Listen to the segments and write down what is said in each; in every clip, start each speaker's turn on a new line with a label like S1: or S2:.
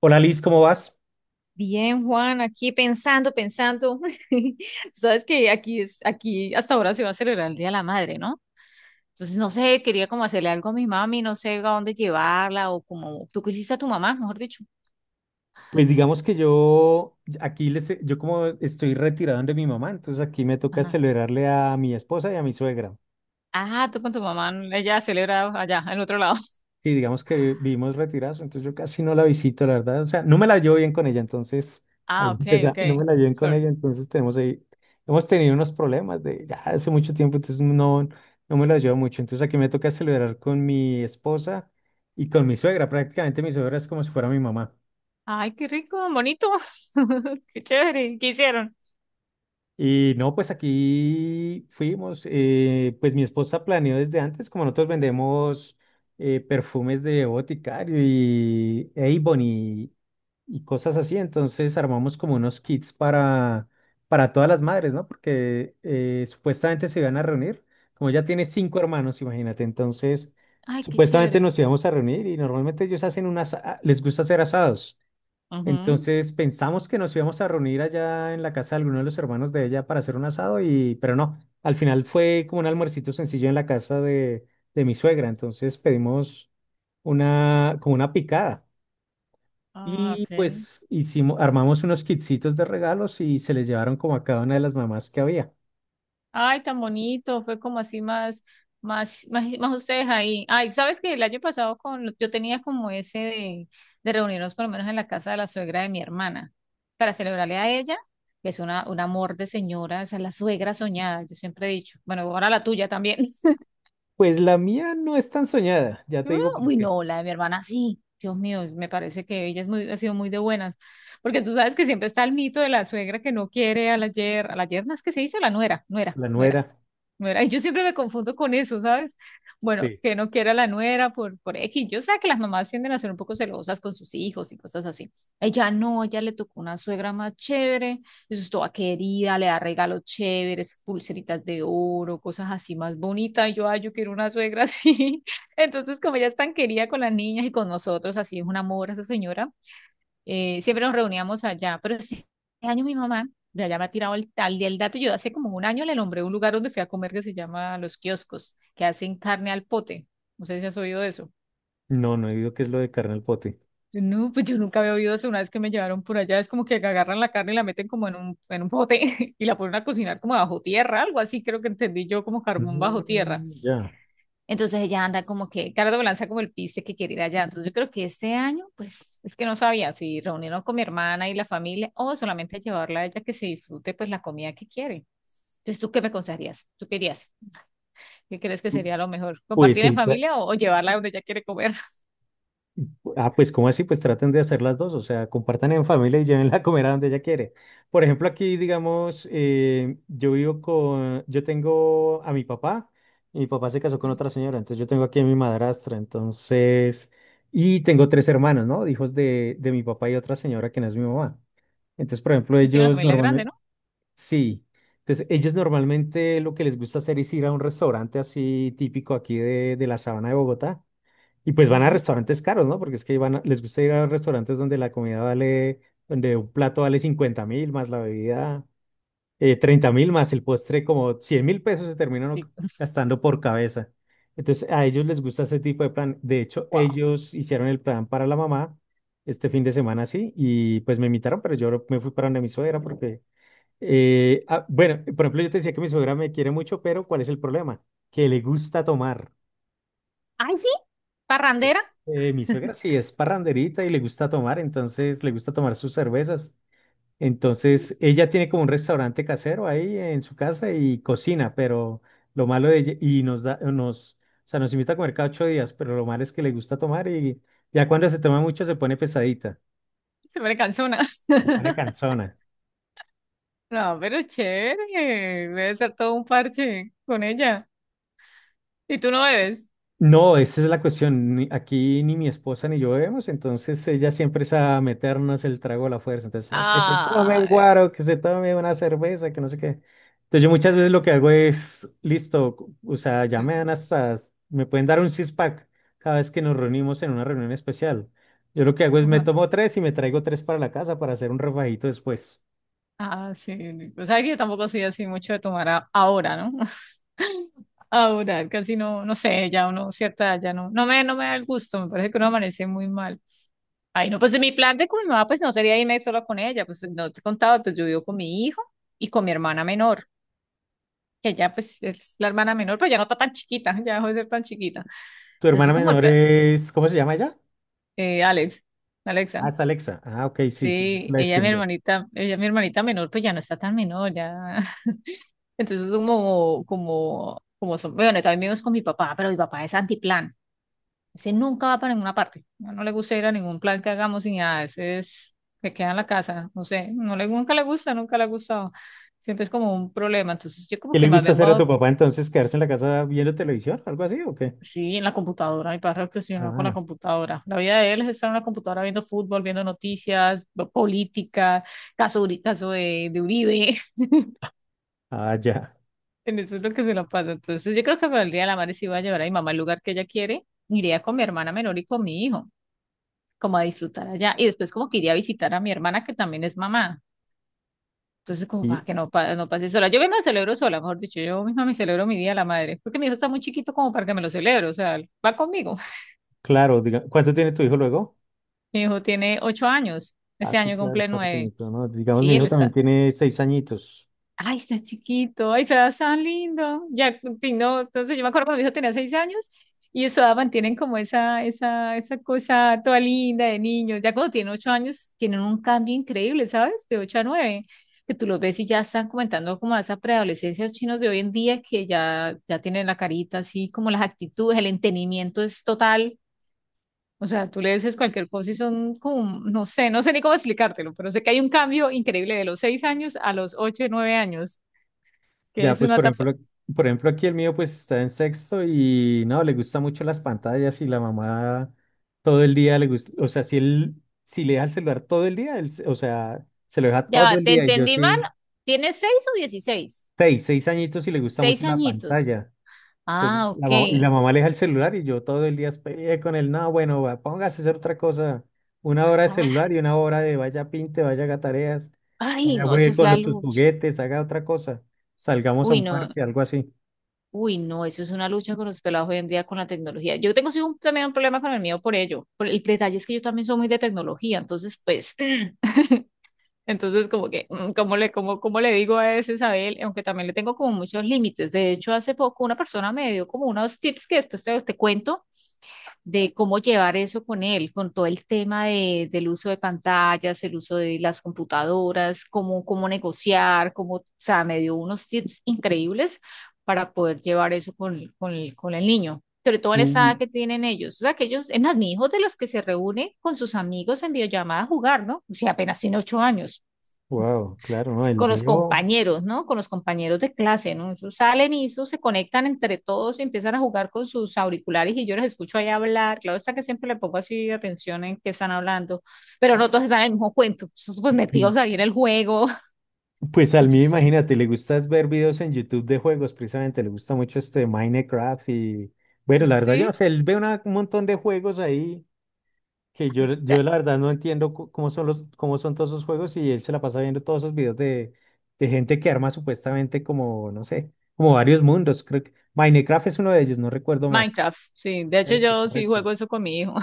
S1: Hola Liz, ¿cómo vas?
S2: Bien, Juan, aquí pensando, pensando. Sabes que aquí hasta ahora se va a celebrar el Día de la Madre, ¿no? Entonces, no sé, quería como hacerle algo a mi mami, no sé a dónde llevarla o como tú quisiste a tu mamá, mejor dicho.
S1: Pues digamos que yo como estoy retirado de mi mamá, entonces aquí me toca
S2: Ajá.
S1: celebrarle a mi esposa y a mi suegra.
S2: Ah, tú con tu mamá, ella celebra allá, en otro lado.
S1: Sí, digamos que vivimos retirados, entonces yo casi no la visito, la verdad. O sea, no me la llevo bien con ella, entonces ahí
S2: Ah, ok,
S1: empieza,
S2: ok.
S1: no me la llevo bien con
S2: Sorry.
S1: ella, entonces tenemos ahí, hemos tenido unos problemas de ya hace mucho tiempo, entonces no, no me la llevo mucho. Entonces aquí me toca celebrar con mi esposa y con mi suegra. Prácticamente mi suegra es como si fuera mi mamá.
S2: Ay, qué rico, bonito. Qué chévere. ¿Qué hicieron?
S1: Y no, pues aquí fuimos, pues mi esposa planeó desde antes, como nosotros vendemos perfumes de Boticario y Avon y cosas así, entonces armamos como unos kits para todas las madres, ¿no? Porque supuestamente se iban a reunir, como ella tiene cinco hermanos, imagínate, entonces
S2: Ay, qué
S1: supuestamente
S2: chévere.
S1: nos íbamos a reunir y normalmente les gusta hacer asados.
S2: Ujú.
S1: Entonces pensamos que nos íbamos a reunir allá en la casa de alguno de los hermanos de ella para hacer un asado y, pero no, al final fue como un almuercito sencillo en la casa de mi suegra. Entonces pedimos como una picada
S2: Ah,
S1: y
S2: ok.
S1: pues armamos unos kitsitos de regalos y se les llevaron como a cada una de las mamás que había.
S2: Ay, tan bonito, fue como así más, más, más, más ustedes ahí. Ay, sabes que el año pasado con, yo tenía como ese de reunirnos por lo menos en la casa de la suegra de mi hermana para celebrarle a ella, que es un amor de señora, esa es la suegra soñada, yo siempre he dicho, bueno, ahora la tuya también.
S1: Pues la mía no es tan soñada, ya te digo por
S2: Uy,
S1: qué.
S2: no, la de mi hermana sí, Dios mío, me parece que ella ha sido muy de buenas, porque tú sabes que siempre está el mito de la suegra que no quiere a la yerna es que se dice la nuera, nuera,
S1: La
S2: nuera.
S1: nuera.
S2: Nuera. Y yo siempre me confundo con eso, ¿sabes? Bueno,
S1: Sí.
S2: que no quiera la nuera por X. Yo sé que las mamás tienden a ser un poco celosas con sus hijos y cosas así. Ella no, ella le tocó una suegra más chévere, eso es toda querida, le da regalos chéveres, pulseritas de oro, cosas así más bonitas. Y yo, ay, yo quiero una suegra así. Entonces, como ella es tan querida con las niñas y con nosotros, así es un amor esa señora. Siempre nos reuníamos allá, pero este año mi mamá de allá me ha tirado el tal y el dato. Yo hace como un año le nombré un lugar donde fui a comer que se llama Los Kioscos, que hacen carne al pote. No sé si has oído de eso.
S1: No, no he oído qué es lo de carne al pote.
S2: No, pues yo nunca había oído eso. Una vez que me llevaron por allá, es como que agarran la carne y la meten como en un pote y la ponen a cocinar como bajo tierra, algo así, creo que entendí yo, como carbón bajo tierra.
S1: Mm, ya.
S2: Entonces ella anda como que, Cardo lanza como el piste que quiere ir allá. Entonces yo creo que este año, pues es que no sabía si reunirnos con mi hermana y la familia o solamente llevarla a ella que se disfrute pues la comida que quiere. Entonces, ¿tú qué me aconsejarías? ¿Tú querías? ¿Qué crees que sería lo mejor?
S1: Pues
S2: ¿Compartir en
S1: el,
S2: familia o llevarla donde ella quiere comer?
S1: Ah, pues ¿cómo así? Pues traten de hacer las dos, o sea, compartan en familia y llévenla a comer a donde ella quiere. Por ejemplo, aquí, digamos, yo tengo a mi papá, y mi papá se casó con otra señora, entonces yo tengo aquí a mi madrastra, entonces, y tengo tres hermanos, ¿no? Hijos de mi papá y otra señora que no es mi mamá. Entonces, por ejemplo,
S2: No tiene una familia grande, ¿no?
S1: sí, entonces ellos normalmente lo que les gusta hacer es ir a un restaurante así típico aquí de la sabana de Bogotá y pues van a
S2: Ujú.
S1: restaurantes caros, ¿no? Porque es que les gusta ir a restaurantes donde la comida vale, donde un plato vale 50 mil, más la bebida 30 mil, más el postre como 100 mil pesos se terminan
S2: Sí.
S1: gastando por cabeza. Entonces a ellos les gusta ese tipo de plan. De hecho,
S2: Wow.
S1: ellos hicieron el plan para la mamá este fin de semana, sí, y pues me invitaron, pero yo me fui para donde mi suegra porque, ah, bueno, por ejemplo, yo te decía que mi suegra me quiere mucho, pero ¿cuál es el problema? Que le gusta tomar.
S2: Ay, sí. ¿Parrandera?
S1: Mi suegra sí es parranderita y le gusta tomar, entonces le gusta tomar sus cervezas. Entonces ella tiene como un restaurante casero ahí en su casa y cocina, pero lo malo de ella, y o sea, nos invita a comer cada 8 días, pero lo malo es que le gusta tomar y ya cuando se toma mucho se pone pesadita,
S2: Se me cansó una.
S1: pone cansona.
S2: No, pero chévere. Debe ser todo un parche con ella. ¿Y tú no bebes?
S1: No, esa es la cuestión. Aquí ni mi esposa ni yo vemos, entonces ella siempre es a meternos el trago a la fuerza. Entonces, "No, que se tome un
S2: Ah,
S1: guaro, que se tome una cerveza, que no sé qué. Entonces, yo muchas veces lo que hago es, listo, o sea, me pueden dar un six-pack cada vez que nos reunimos en una reunión especial. Yo lo que hago es me
S2: ajá.
S1: tomo tres y me traigo tres para la casa para hacer un refajito después.
S2: Ah, sí. O sea que yo tampoco soy así mucho de tomar ahora, ¿no? Ahora, casi no, no sé, ya uno, cierta, edad ya no, no me da el gusto, me parece que uno amanece muy mal. Ay, no, pues mi plan de con mi mamá, pues no sería irme sola con ella, pues no te contaba, pues yo vivo con mi hijo y con mi hermana menor, que ya pues es la hermana menor, pero ya no está tan chiquita, ya dejó de ser tan chiquita.
S1: Tu
S2: Entonces
S1: hermana
S2: como el
S1: menor
S2: plan,
S1: es, ¿cómo se llama ella?
S2: eh, Alex,
S1: Ah,
S2: Alexa,
S1: es Alexa. Ah, ok, sí, sí, es
S2: sí,
S1: la distingo.
S2: ella mi hermanita menor, pues ya no está tan menor, ya. Entonces, como son, bueno, también vivimos con mi papá, pero mi papá es antiplan. Ese nunca va para ninguna parte. No, no le gusta ir a ningún plan que hagamos ni nada. Ese se queda en la casa. No sé, nunca le ha gustado. Siempre es como un problema. Entonces, yo como
S1: ¿Qué
S2: que
S1: le
S2: más
S1: gusta
S2: bien
S1: hacer a
S2: va,
S1: tu papá entonces? ¿Quedarse en la casa viendo televisión? ¿Algo así o qué?
S2: sí, en la computadora. Mi padre obsesionado con la
S1: Ah,
S2: computadora. La vida de él es estar en la computadora viendo fútbol, viendo noticias, política, caso de, Uribe.
S1: ya.
S2: En eso es lo que se la pasa. Entonces, yo creo que para el Día de la Madre sí voy a llevar a mi mamá al lugar que ella quiere. Iría con mi hermana menor y con mi hijo, como a disfrutar allá. Y después como que iría a visitar a mi hermana, que también es mamá. Entonces, como
S1: Y
S2: para que no, no pase sola. Yo me lo celebro sola, mejor dicho. Yo misma me celebro mi Día de la Madre. Porque mi hijo está muy chiquito como para que me lo celebre. O sea, va conmigo.
S1: claro, diga, ¿cuánto tiene tu hijo luego?
S2: Mi hijo tiene 8 años.
S1: Ah,
S2: Este
S1: sí,
S2: año
S1: claro,
S2: cumple
S1: está
S2: 9.
S1: pequeñito, ¿no? Digamos, mi
S2: Sí,
S1: hijo también tiene 6 añitos.
S2: ay, está chiquito, ay, está tan lindo. Ya, y no, entonces yo me acuerdo cuando mi hijo tenía 6 años y eso mantienen como esa cosa toda linda de niños. Ya cuando tienen 8 años, tienen un cambio increíble, ¿sabes? De 8 a 9, que tú los ves y ya están comentando como a esa preadolescencia de los chinos de hoy en día que ya tienen la carita así, como las actitudes, el entendimiento es total. O sea, tú le dices cualquier cosa y son como, no sé ni cómo explicártelo, pero sé que hay un cambio increíble de los 6 años a los 8 y 9 años que
S1: Ya,
S2: es
S1: pues,
S2: una
S1: por
S2: tapa.
S1: ejemplo, por ejemplo, aquí el mío pues está en sexto y no, le gusta mucho las pantallas y la mamá todo el día le gusta, o sea, si le deja el celular todo el día, o sea, se lo deja
S2: Ya
S1: todo
S2: va,
S1: el
S2: te
S1: día y yo
S2: entendí mal.
S1: sí,
S2: ¿Tienes 6 o 16?
S1: seis añitos y le gusta mucho
S2: Seis
S1: la
S2: añitos.
S1: pantalla. Entonces,
S2: Ah,
S1: y la
S2: ok.
S1: mamá le aleja el celular y yo todo el día peleé con él. No, bueno, va, póngase a hacer otra cosa. Una hora de
S2: Ah,
S1: celular y una hora de vaya pinte, vaya haga tareas,
S2: ay,
S1: vaya
S2: no, eso
S1: juegue
S2: es
S1: con
S2: la
S1: los, sus
S2: lucha.
S1: juguetes, haga otra cosa. Salgamos a
S2: Uy,
S1: un
S2: no,
S1: parque, algo así.
S2: uy, no, eso es una lucha con los pelados hoy en día con la tecnología. Yo tengo sí, también un problema con el mío por ello. Por el detalle es que yo también soy muy de tecnología, entonces, pues, entonces como que, cómo le digo a ese Isabel? Aunque también le tengo como muchos límites. De hecho, hace poco una persona me dio como unos tips que después te cuento de cómo llevar eso con él, con todo el tema del uso de pantallas, el uso de las computadoras, cómo negociar, o sea, me dio unos tips increíbles para poder llevar eso con el niño, sobre todo en esa edad
S1: Uy,
S2: que tienen ellos, o sea, que ellos, es más, mi hijo de los que se reúne con sus amigos en videollamada a jugar, ¿no? O sea, apenas tiene ocho años
S1: wow, claro, ¿no? El
S2: con los
S1: mío,
S2: compañeros, ¿no? Con los compañeros de clase, ¿no? Esos salen y eso se conectan entre todos y empiezan a jugar con sus auriculares y yo los escucho ahí hablar. Claro está que siempre le pongo así atención en qué están hablando, pero no todos están en el mismo cuento, esos pues
S1: sí.
S2: metidos ahí en el juego.
S1: Pues
S2: Y
S1: al
S2: yo,
S1: mío, imagínate, le gusta es ver videos en YouTube de juegos, precisamente, le gusta mucho este Minecraft y, bueno, la verdad, yo
S2: sí,
S1: no sé, él ve un montón de juegos ahí que
S2: ahí
S1: yo
S2: está.
S1: la verdad no entiendo cómo son cómo son todos esos juegos y él se la pasa viendo todos esos videos de gente que arma supuestamente como, no sé, como varios mundos. Creo que Minecraft es uno de ellos, no recuerdo más.
S2: Minecraft, sí. De hecho,
S1: Ese,
S2: yo sí
S1: correcto.
S2: juego eso con mi hijo.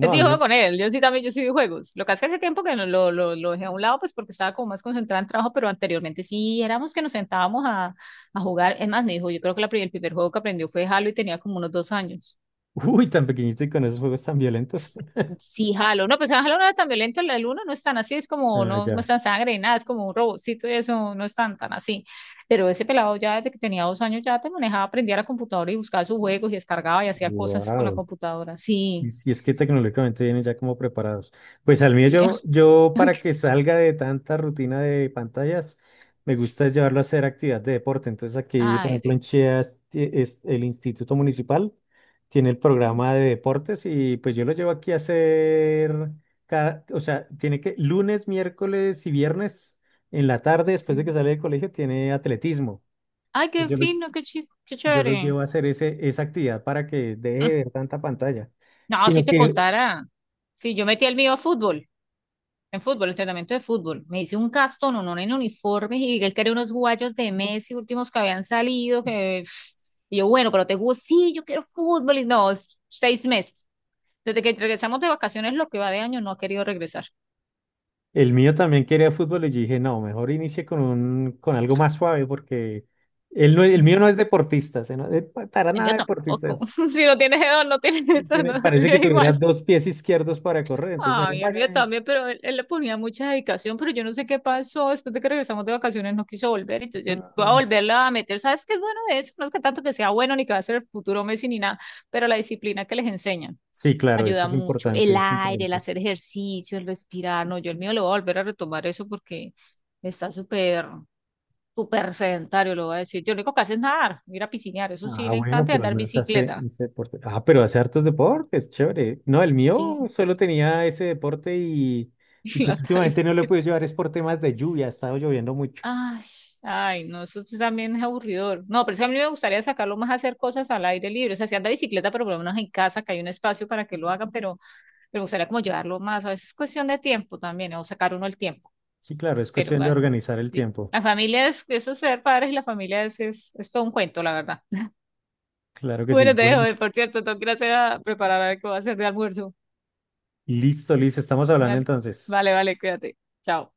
S2: Es
S1: a
S2: que yo
S1: mí
S2: juego
S1: no.
S2: con él, yo sí también, yo sí vi juegos. Lo que hace tiempo que no, lo dejé a un lado, pues porque estaba como más concentrada en trabajo, pero anteriormente sí éramos que nos sentábamos a jugar. Es más, me dijo, yo creo que el primer juego que aprendió fue Halo y tenía como unos 2 años.
S1: Uy, tan pequeñito y con esos juegos tan violentos.
S2: Sí, Halo. No, pues Halo no era tan violento, el uno no es tan así, es como,
S1: Ah,
S2: no, no es
S1: ya.
S2: tan sangre y nada, es como un robotcito y eso, no es tan, tan así. Pero ese pelado ya desde que tenía 2 años ya te manejaba, aprendía a la computadora y buscaba sus juegos y descargaba y hacía cosas con la
S1: Wow.
S2: computadora. Sí,
S1: Y si es que tecnológicamente vienen ya como preparados. Pues al mío
S2: sí.
S1: yo para que salga de tanta rutina de pantallas, me gusta llevarlo a hacer actividad de deporte. Entonces aquí, por
S2: Ay,
S1: ejemplo, en
S2: rico.
S1: Chía es el Instituto Municipal tiene el programa de deportes y pues yo lo llevo aquí a hacer o sea, tiene que lunes, miércoles y viernes en la tarde, después de que
S2: Ok.
S1: sale del colegio, tiene atletismo.
S2: Ay,
S1: Pues
S2: qué
S1: Yo lo,
S2: fino, qué
S1: yo lo
S2: chévere.
S1: llevo a hacer esa actividad para que deje de ver tanta pantalla
S2: No,
S1: sino
S2: si te
S1: que
S2: contara. Sí, yo metí el mío a fútbol, en fútbol, entrenamiento de fútbol. Me hice un castón, uno en uniformes y él quería unos guayos de Messi últimos que habían salido. Que... Y yo, bueno, pero te juro, sí, yo quiero fútbol. Y no, 6 meses. Desde que regresamos de vacaciones, lo que va de año, no ha querido regresar.
S1: El mío también quería fútbol y yo dije, no, mejor inicie con algo más suave porque él no, el
S2: Mm.
S1: mío no es deportista, se no- para nada
S2: Yo
S1: deportista.
S2: tampoco. Si no tienes edad, no tienes eso, no,
S1: Parece
S2: yo
S1: que tuviera
S2: igual.
S1: dos pies izquierdos para correr, entonces mejor
S2: Ay, el mío
S1: vaya.
S2: también, pero él le ponía mucha dedicación, pero yo no sé qué pasó. Después de que regresamos de vacaciones no quiso volver, entonces yo voy a
S1: Ujú.
S2: volverla a meter. ¿Sabes qué es bueno de eso? No es que tanto que sea bueno ni que va a ser el futuro Messi ni nada, pero la disciplina que les enseñan
S1: Sí, claro, eso
S2: ayuda
S1: es
S2: mucho.
S1: importante,
S2: El
S1: es
S2: aire, el
S1: importante.
S2: hacer ejercicio, el respirar. No, yo el mío lo voy a volver a retomar eso porque está súper, súper sedentario, lo voy a decir. Yo lo único que hace es nadar, ir a piscinear, eso sí
S1: Ah,
S2: le
S1: bueno,
S2: encanta, y
S1: pero al
S2: andar
S1: menos hace
S2: bicicleta.
S1: ese deporte. Ah, pero hace hartos deportes, chévere. No, el mío
S2: Sí,
S1: solo tenía ese deporte y, y
S2: la
S1: pues
S2: está ahí.
S1: últimamente no lo he podido llevar, es por temas de lluvia, ha estado lloviendo mucho.
S2: Ay, ay, no, eso sí también es aburridor. No, pero es que a mí me gustaría sacarlo más a hacer cosas al aire libre. O sea, si anda bicicleta, pero por lo menos en casa, que hay un espacio para que lo haga, pero me gustaría como llevarlo más. A veces es cuestión de tiempo también, o sacar uno el tiempo.
S1: Sí, claro, es
S2: Pero,
S1: cuestión de
S2: ay, no.
S1: organizar el
S2: Sí.
S1: tiempo.
S2: La familia es, eso es ser padres y la familia es, todo un cuento, la verdad.
S1: Claro que sí.
S2: Bueno, te dejo,
S1: Bueno,
S2: por cierto, tengo que ir a, hacer a preparar a ver qué voy a hacer de almuerzo.
S1: listo, Liz, estamos hablando
S2: Vale,
S1: entonces.
S2: vale, vale, cuídate. Chao.